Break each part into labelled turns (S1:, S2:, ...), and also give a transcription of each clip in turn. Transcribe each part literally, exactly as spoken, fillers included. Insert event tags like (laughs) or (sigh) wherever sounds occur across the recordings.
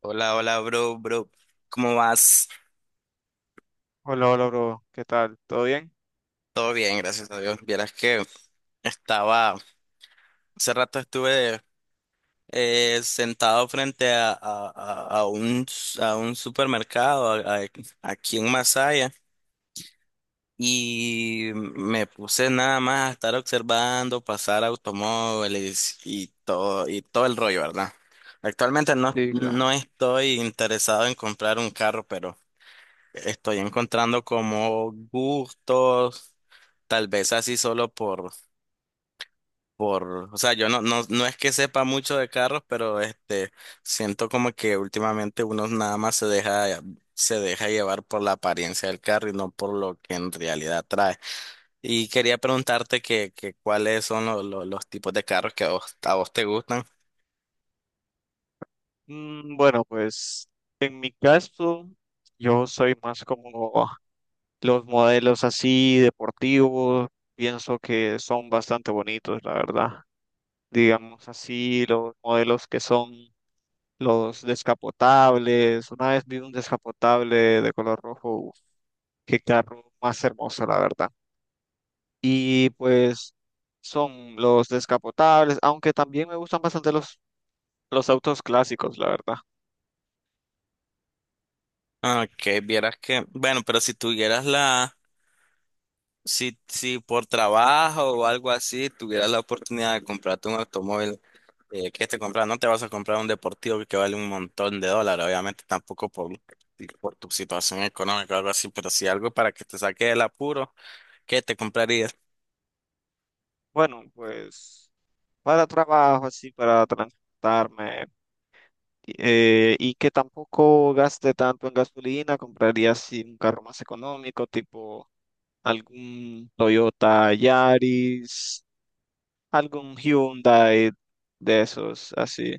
S1: Hola, hola, bro, bro. ¿Cómo vas?
S2: Hola, hola, bro. ¿Qué tal? ¿Todo bien?
S1: Todo bien, gracias a Dios. Vieras que estaba, hace rato estuve eh, sentado frente a, a, a- a un, a un supermercado a- a- aquí en Masaya y me puse nada más a estar observando pasar automóviles y todo, y todo el rollo, ¿verdad? Actualmente no,
S2: Sí, claro.
S1: no estoy interesado en comprar un carro, pero estoy encontrando como gustos. Tal vez así solo por, por, o sea, yo no, no, no es que sepa mucho de carros, pero este, siento como que últimamente uno nada más se deja, se deja llevar por la apariencia del carro y no por lo que en realidad trae. Y quería preguntarte que, que cuáles son lo- lo- los tipos de carros que a vos, a vos te gustan.
S2: Mm, bueno, pues en mi caso, yo soy más como los modelos así deportivos. Pienso que son bastante bonitos, la verdad. Digamos así, los modelos que son los descapotables. Una vez vi un descapotable de color rojo. Uf, qué carro más hermoso, la verdad. Y pues son los descapotables, aunque también me gustan bastante los Los autos clásicos, la verdad.
S1: Ah, que vieras que, bueno, pero si tuvieras la, si, si por trabajo o algo así, tuvieras la oportunidad de comprarte un automóvil. Eh, ¿qué te compras? No te vas a comprar un deportivo que vale un montón de dólares, obviamente tampoco por, por tu situación económica o algo así, pero si algo para que te saque del apuro, ¿qué te comprarías?
S2: Bueno, pues para trabajo, así, para transportarme eh, y que tampoco gaste tanto en gasolina, compraría así un carro más económico, tipo algún Toyota Yaris, algún Hyundai de esos, así.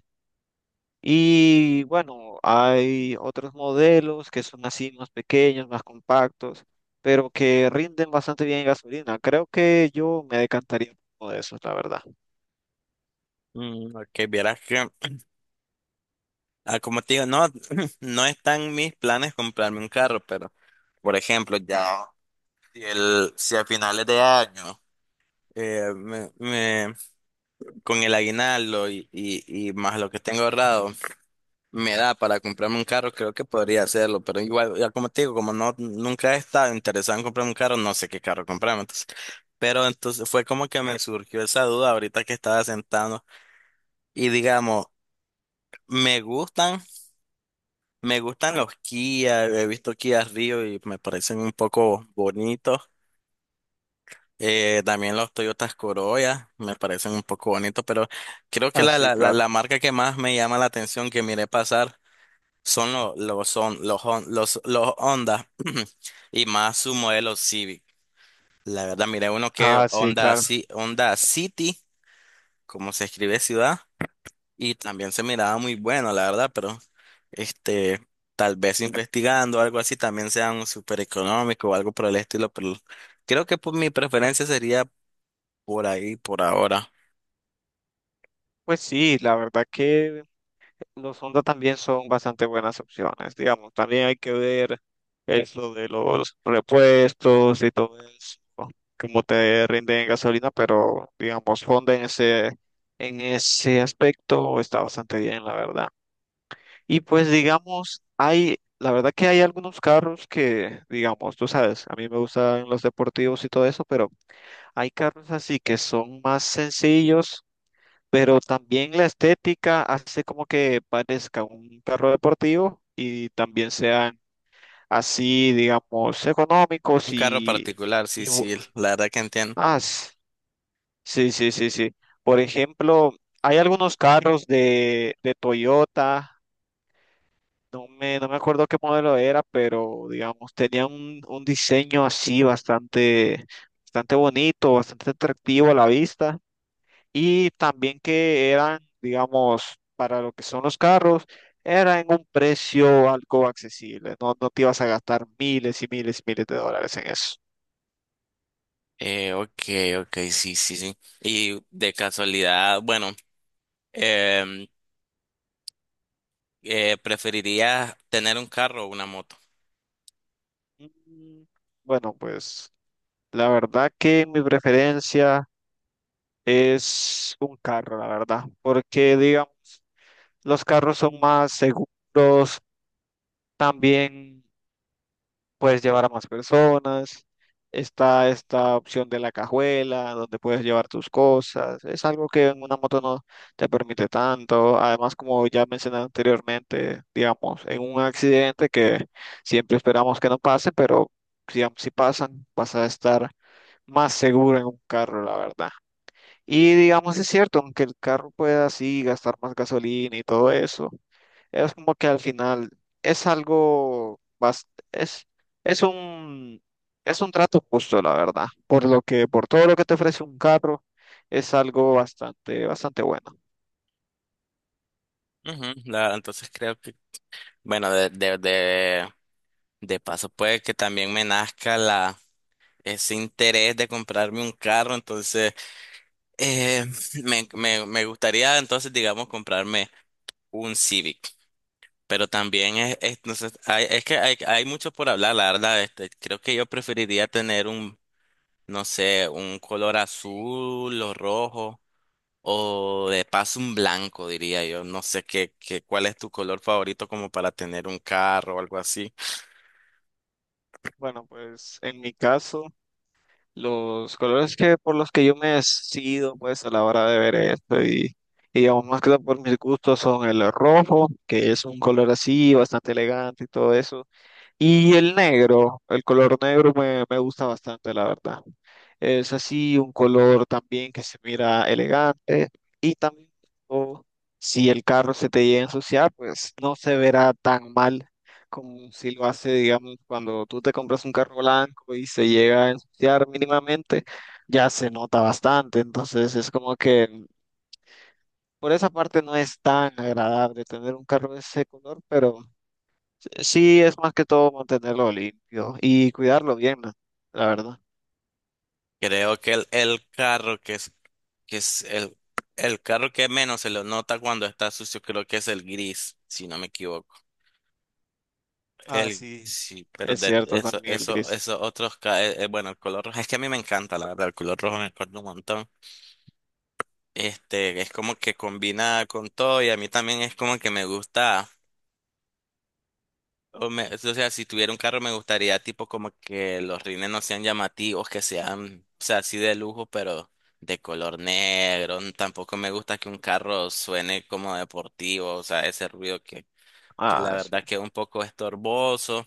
S2: Y bueno, hay otros modelos que son así más pequeños, más compactos, pero que rinden bastante bien en gasolina. Creo que yo me decantaría por uno de esos, la verdad.
S1: Mm, ok, vieras que, ah, como te digo, no, (laughs) (clears throat) no están mis planes comprarme un carro, pero, por ejemplo, ya, si, el, si a finales de año, eh, me, me- con el aguinaldo y, y, y más lo que tengo ahorrado, me da para comprarme un carro, creo que podría hacerlo, pero igual, ya como te digo, como no, nunca he estado interesado en comprarme un carro, no sé qué carro comprarme, entonces, pero entonces fue como que me surgió esa duda ahorita que estaba sentado y digamos, me gustan, me gustan los Kia, he visto Kia Rio y me parecen un poco bonitos. Eh, también los Toyotas Corolla me parecen un poco bonitos, pero creo que
S2: Ah,
S1: la,
S2: sí,
S1: la, la, la
S2: claro.
S1: marca que más me llama la atención que miré pasar son los los son los Hon- los los Honda (clears throat) y más su modelo Civic. La verdad, miré uno que
S2: Ah, sí,
S1: Honda,
S2: claro.
S1: Ci- Honda City, como se escribe ciudad, y también se miraba muy bueno, la verdad, pero este tal vez investigando algo así también sea un súper económico o algo por el estilo, pero creo que pues, mi preferencia sería por ahí, por ahora.
S2: Pues sí, la verdad que Los Honda también son bastante buenas opciones, digamos. También hay que ver es lo de los repuestos y todo eso, cómo te rinden en gasolina, pero digamos, Honda en ese, en ese aspecto está bastante bien, la verdad. Y pues digamos, hay, la verdad que hay algunos carros que, digamos, tú sabes, a mí me gustan los deportivos y todo eso, pero hay carros así que son más sencillos, pero también la estética hace como que parezca un carro deportivo y también sean así, digamos, económicos
S1: Un carro
S2: y,
S1: particular, sí,
S2: y bu-
S1: sí, la verdad que entiendo.
S2: ah, s- sí, sí, sí, sí. Por ejemplo, hay algunos carros de, de Toyota, no me, no me acuerdo qué modelo era, pero digamos, tenían un, un diseño así bastante, bastante bonito, bastante atractivo a la vista. Y también que eran, digamos, para lo que son los carros, era en un precio algo accesible, no, no te ibas a gastar miles y miles y miles de dólares en eso.
S1: Eh, ok, ok, sí, sí, sí. Y de casualidad, bueno. Em, eh, preferiría tener un carro o una moto.
S2: Mm, bueno, pues la verdad que mi preferencia es un carro, la verdad, porque digamos, los carros son más seguros, también puedes llevar a más personas. Está esta opción de la cajuela, donde puedes llevar tus cosas. Es algo que en una moto no te permite tanto. Además, como ya mencioné anteriormente, digamos, en un accidente que siempre esperamos que no pase, pero digamos, si pasan, vas a estar más seguro en un carro, la verdad. Y digamos, es cierto, aunque el carro pueda así gastar más gasolina y todo eso, es como que al final es algo, bas- es, es un, es un trato justo, la verdad. Por lo que, por todo lo que te ofrece un carro, es algo bastante, bastante bueno.
S1: Ujú, la- entonces creo que, bueno, de, de, de, de paso puede que también me nazca la, ese interés de comprarme un carro, entonces eh, (laughs) me, me, me gustaría entonces, digamos, comprarme un Civic, pero también es, es- no sé, hay, es que hay, hay mucho por hablar, la verdad, este, creo que yo preferiría tener un, no sé, un color azul o rojo. O de paso un blanco, diría yo. No sé qué, qué, cuál es tu color favorito como para tener un carro o algo así.
S2: Bueno, pues en mi caso, los colores que por los que yo me decido, pues a la hora de ver esto y, y digamos, más que todo por mis gustos son el rojo, que es un color así, bastante elegante y todo eso. Y el negro, el color negro me, me gusta bastante, la verdad. Es así un color también que se mira elegante y también o, si el carro se te llega a ensuciar, pues no se verá tan mal como si lo hace, digamos, cuando tú te compras un carro blanco y se llega a ensuciar mínimamente, ya se nota bastante. Entonces es como que por esa parte no es tan agradable tener un carro de ese color, pero... Sí, es más que todo mantenerlo limpio y cuidarlo bien, ¿no? La verdad.
S1: Creo que el, el carro que es, que es el, el carro que menos se lo nota cuando está sucio, creo que es el gris, si no me equivoco.
S2: Ah,
S1: El,
S2: sí.
S1: sí, pero
S2: Es
S1: de
S2: cierto,
S1: eso,
S2: también el
S1: eso,
S2: gris.
S1: esos otros, ca- eh, eh, bueno, el color rojo, es que a mí me encanta, la verdad, el color rojo me encanta un montón. Este, es como que combina con todo y a mí también es como que me gusta. O, me- o sea, si tuviera un carro me gustaría tipo como que los rines no sean llamativos, que sean, o sea, así de lujo, pero de color negro. N- Tampoco me gusta que un carro suene como deportivo, o sea, ese ruido que, que la
S2: Ah, sí.
S1: verdad que es un poco estorboso.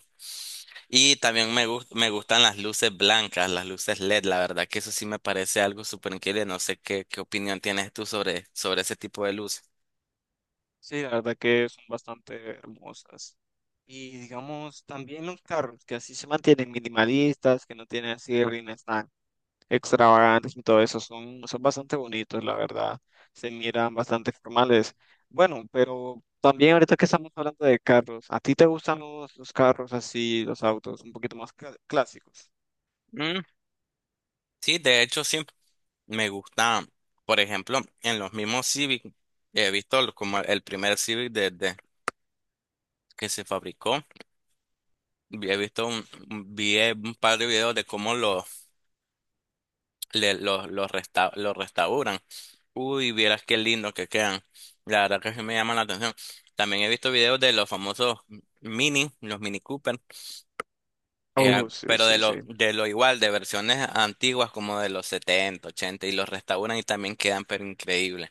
S1: Y también me gus- me gustan las luces blancas, las luces L E D, la verdad que eso sí me parece algo súper increíble. No sé qué, qué opinión tienes tú sobre, sobre ese tipo de luces.
S2: Sí, la verdad que son bastante hermosas. Y digamos, también los carros que así se mantienen minimalistas, que no tienen así rines tan extravagantes y todo eso, son, son bastante bonitos, la verdad. Se miran bastante formales. Bueno, pero también ahorita que estamos hablando de carros, ¿a ti te gustan los, los carros así, los autos un poquito más cla- clásicos?
S1: Mm, sí, de hecho sí. Me gusta, por ejemplo, en los mismos Civic, he visto lo- como el primer Civic desde que se fabricó. vi- He visto un, un- vi un par de videos de cómo los le- los los resta- los restauran. Uy, vieras qué lindo que quedan. La verdad que sí me llama la atención. También he visto videos de los famosos Mini, los Mini Cooper, eh,
S2: Oh, sí,
S1: pero de
S2: sí,
S1: lo,
S2: sí.
S1: de lo igual, de versiones antiguas como de los setenta ochenta y los restauran y también quedan pero increíbles.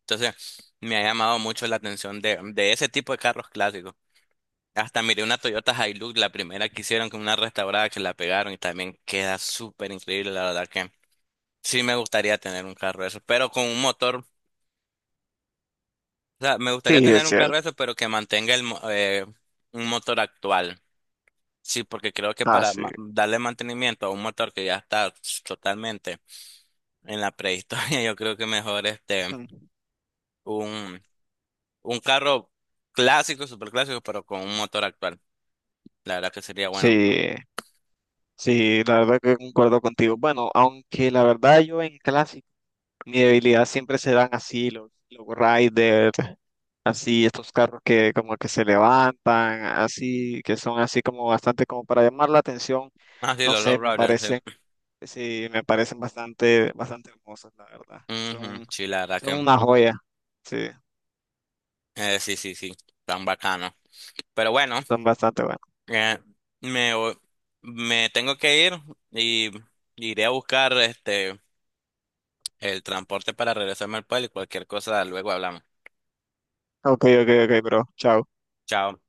S1: Entonces, me ha llamado mucho la atención de, de ese tipo de carros clásicos. Hasta miré una Toyota Hilux, la primera que hicieron con una restaurada que la pegaron y también queda súper increíble, la verdad que sí me gustaría tener un carro de esos, pero con un motor, o sea, me gustaría
S2: Sí,
S1: tener
S2: es
S1: un
S2: cierto.
S1: carro de esos, pero que mantenga el, mo- eh, un motor actual. Sí, porque creo que
S2: Ah,
S1: para
S2: sí.
S1: ma- darle mantenimiento a un motor que ya está totalmente en la prehistoria, (laughs) yo creo que mejor este,
S2: Mm.
S1: un, un carro clásico, súper clásico, pero con un motor actual. La verdad que sería bueno.
S2: Sí, sí, la verdad que concuerdo contigo. Bueno, aunque la verdad yo en clásico, mi debilidad siempre serán así, los, los riders, así estos carros que como que se levantan, así, que son así como bastante como para llamar la atención.
S1: Ah, sí,
S2: No
S1: los
S2: sé,
S1: Love
S2: me
S1: Riders,
S2: parecen,
S1: sí.
S2: sí, me parecen bastante, bastante hermosos, la verdad.
S1: Ujú,
S2: Son,
S1: sí, la verdad
S2: son
S1: que.
S2: una joya. Sí,
S1: Eh, sí, sí, sí. Tan bacano. Pero bueno,
S2: son bastante buenos.
S1: eh, me, voy- me tengo que ir y iré a buscar este el transporte para regresarme al pueblo y cualquier cosa luego hablamos.
S2: Ok, ok, ok, bro. Chao.
S1: Chao.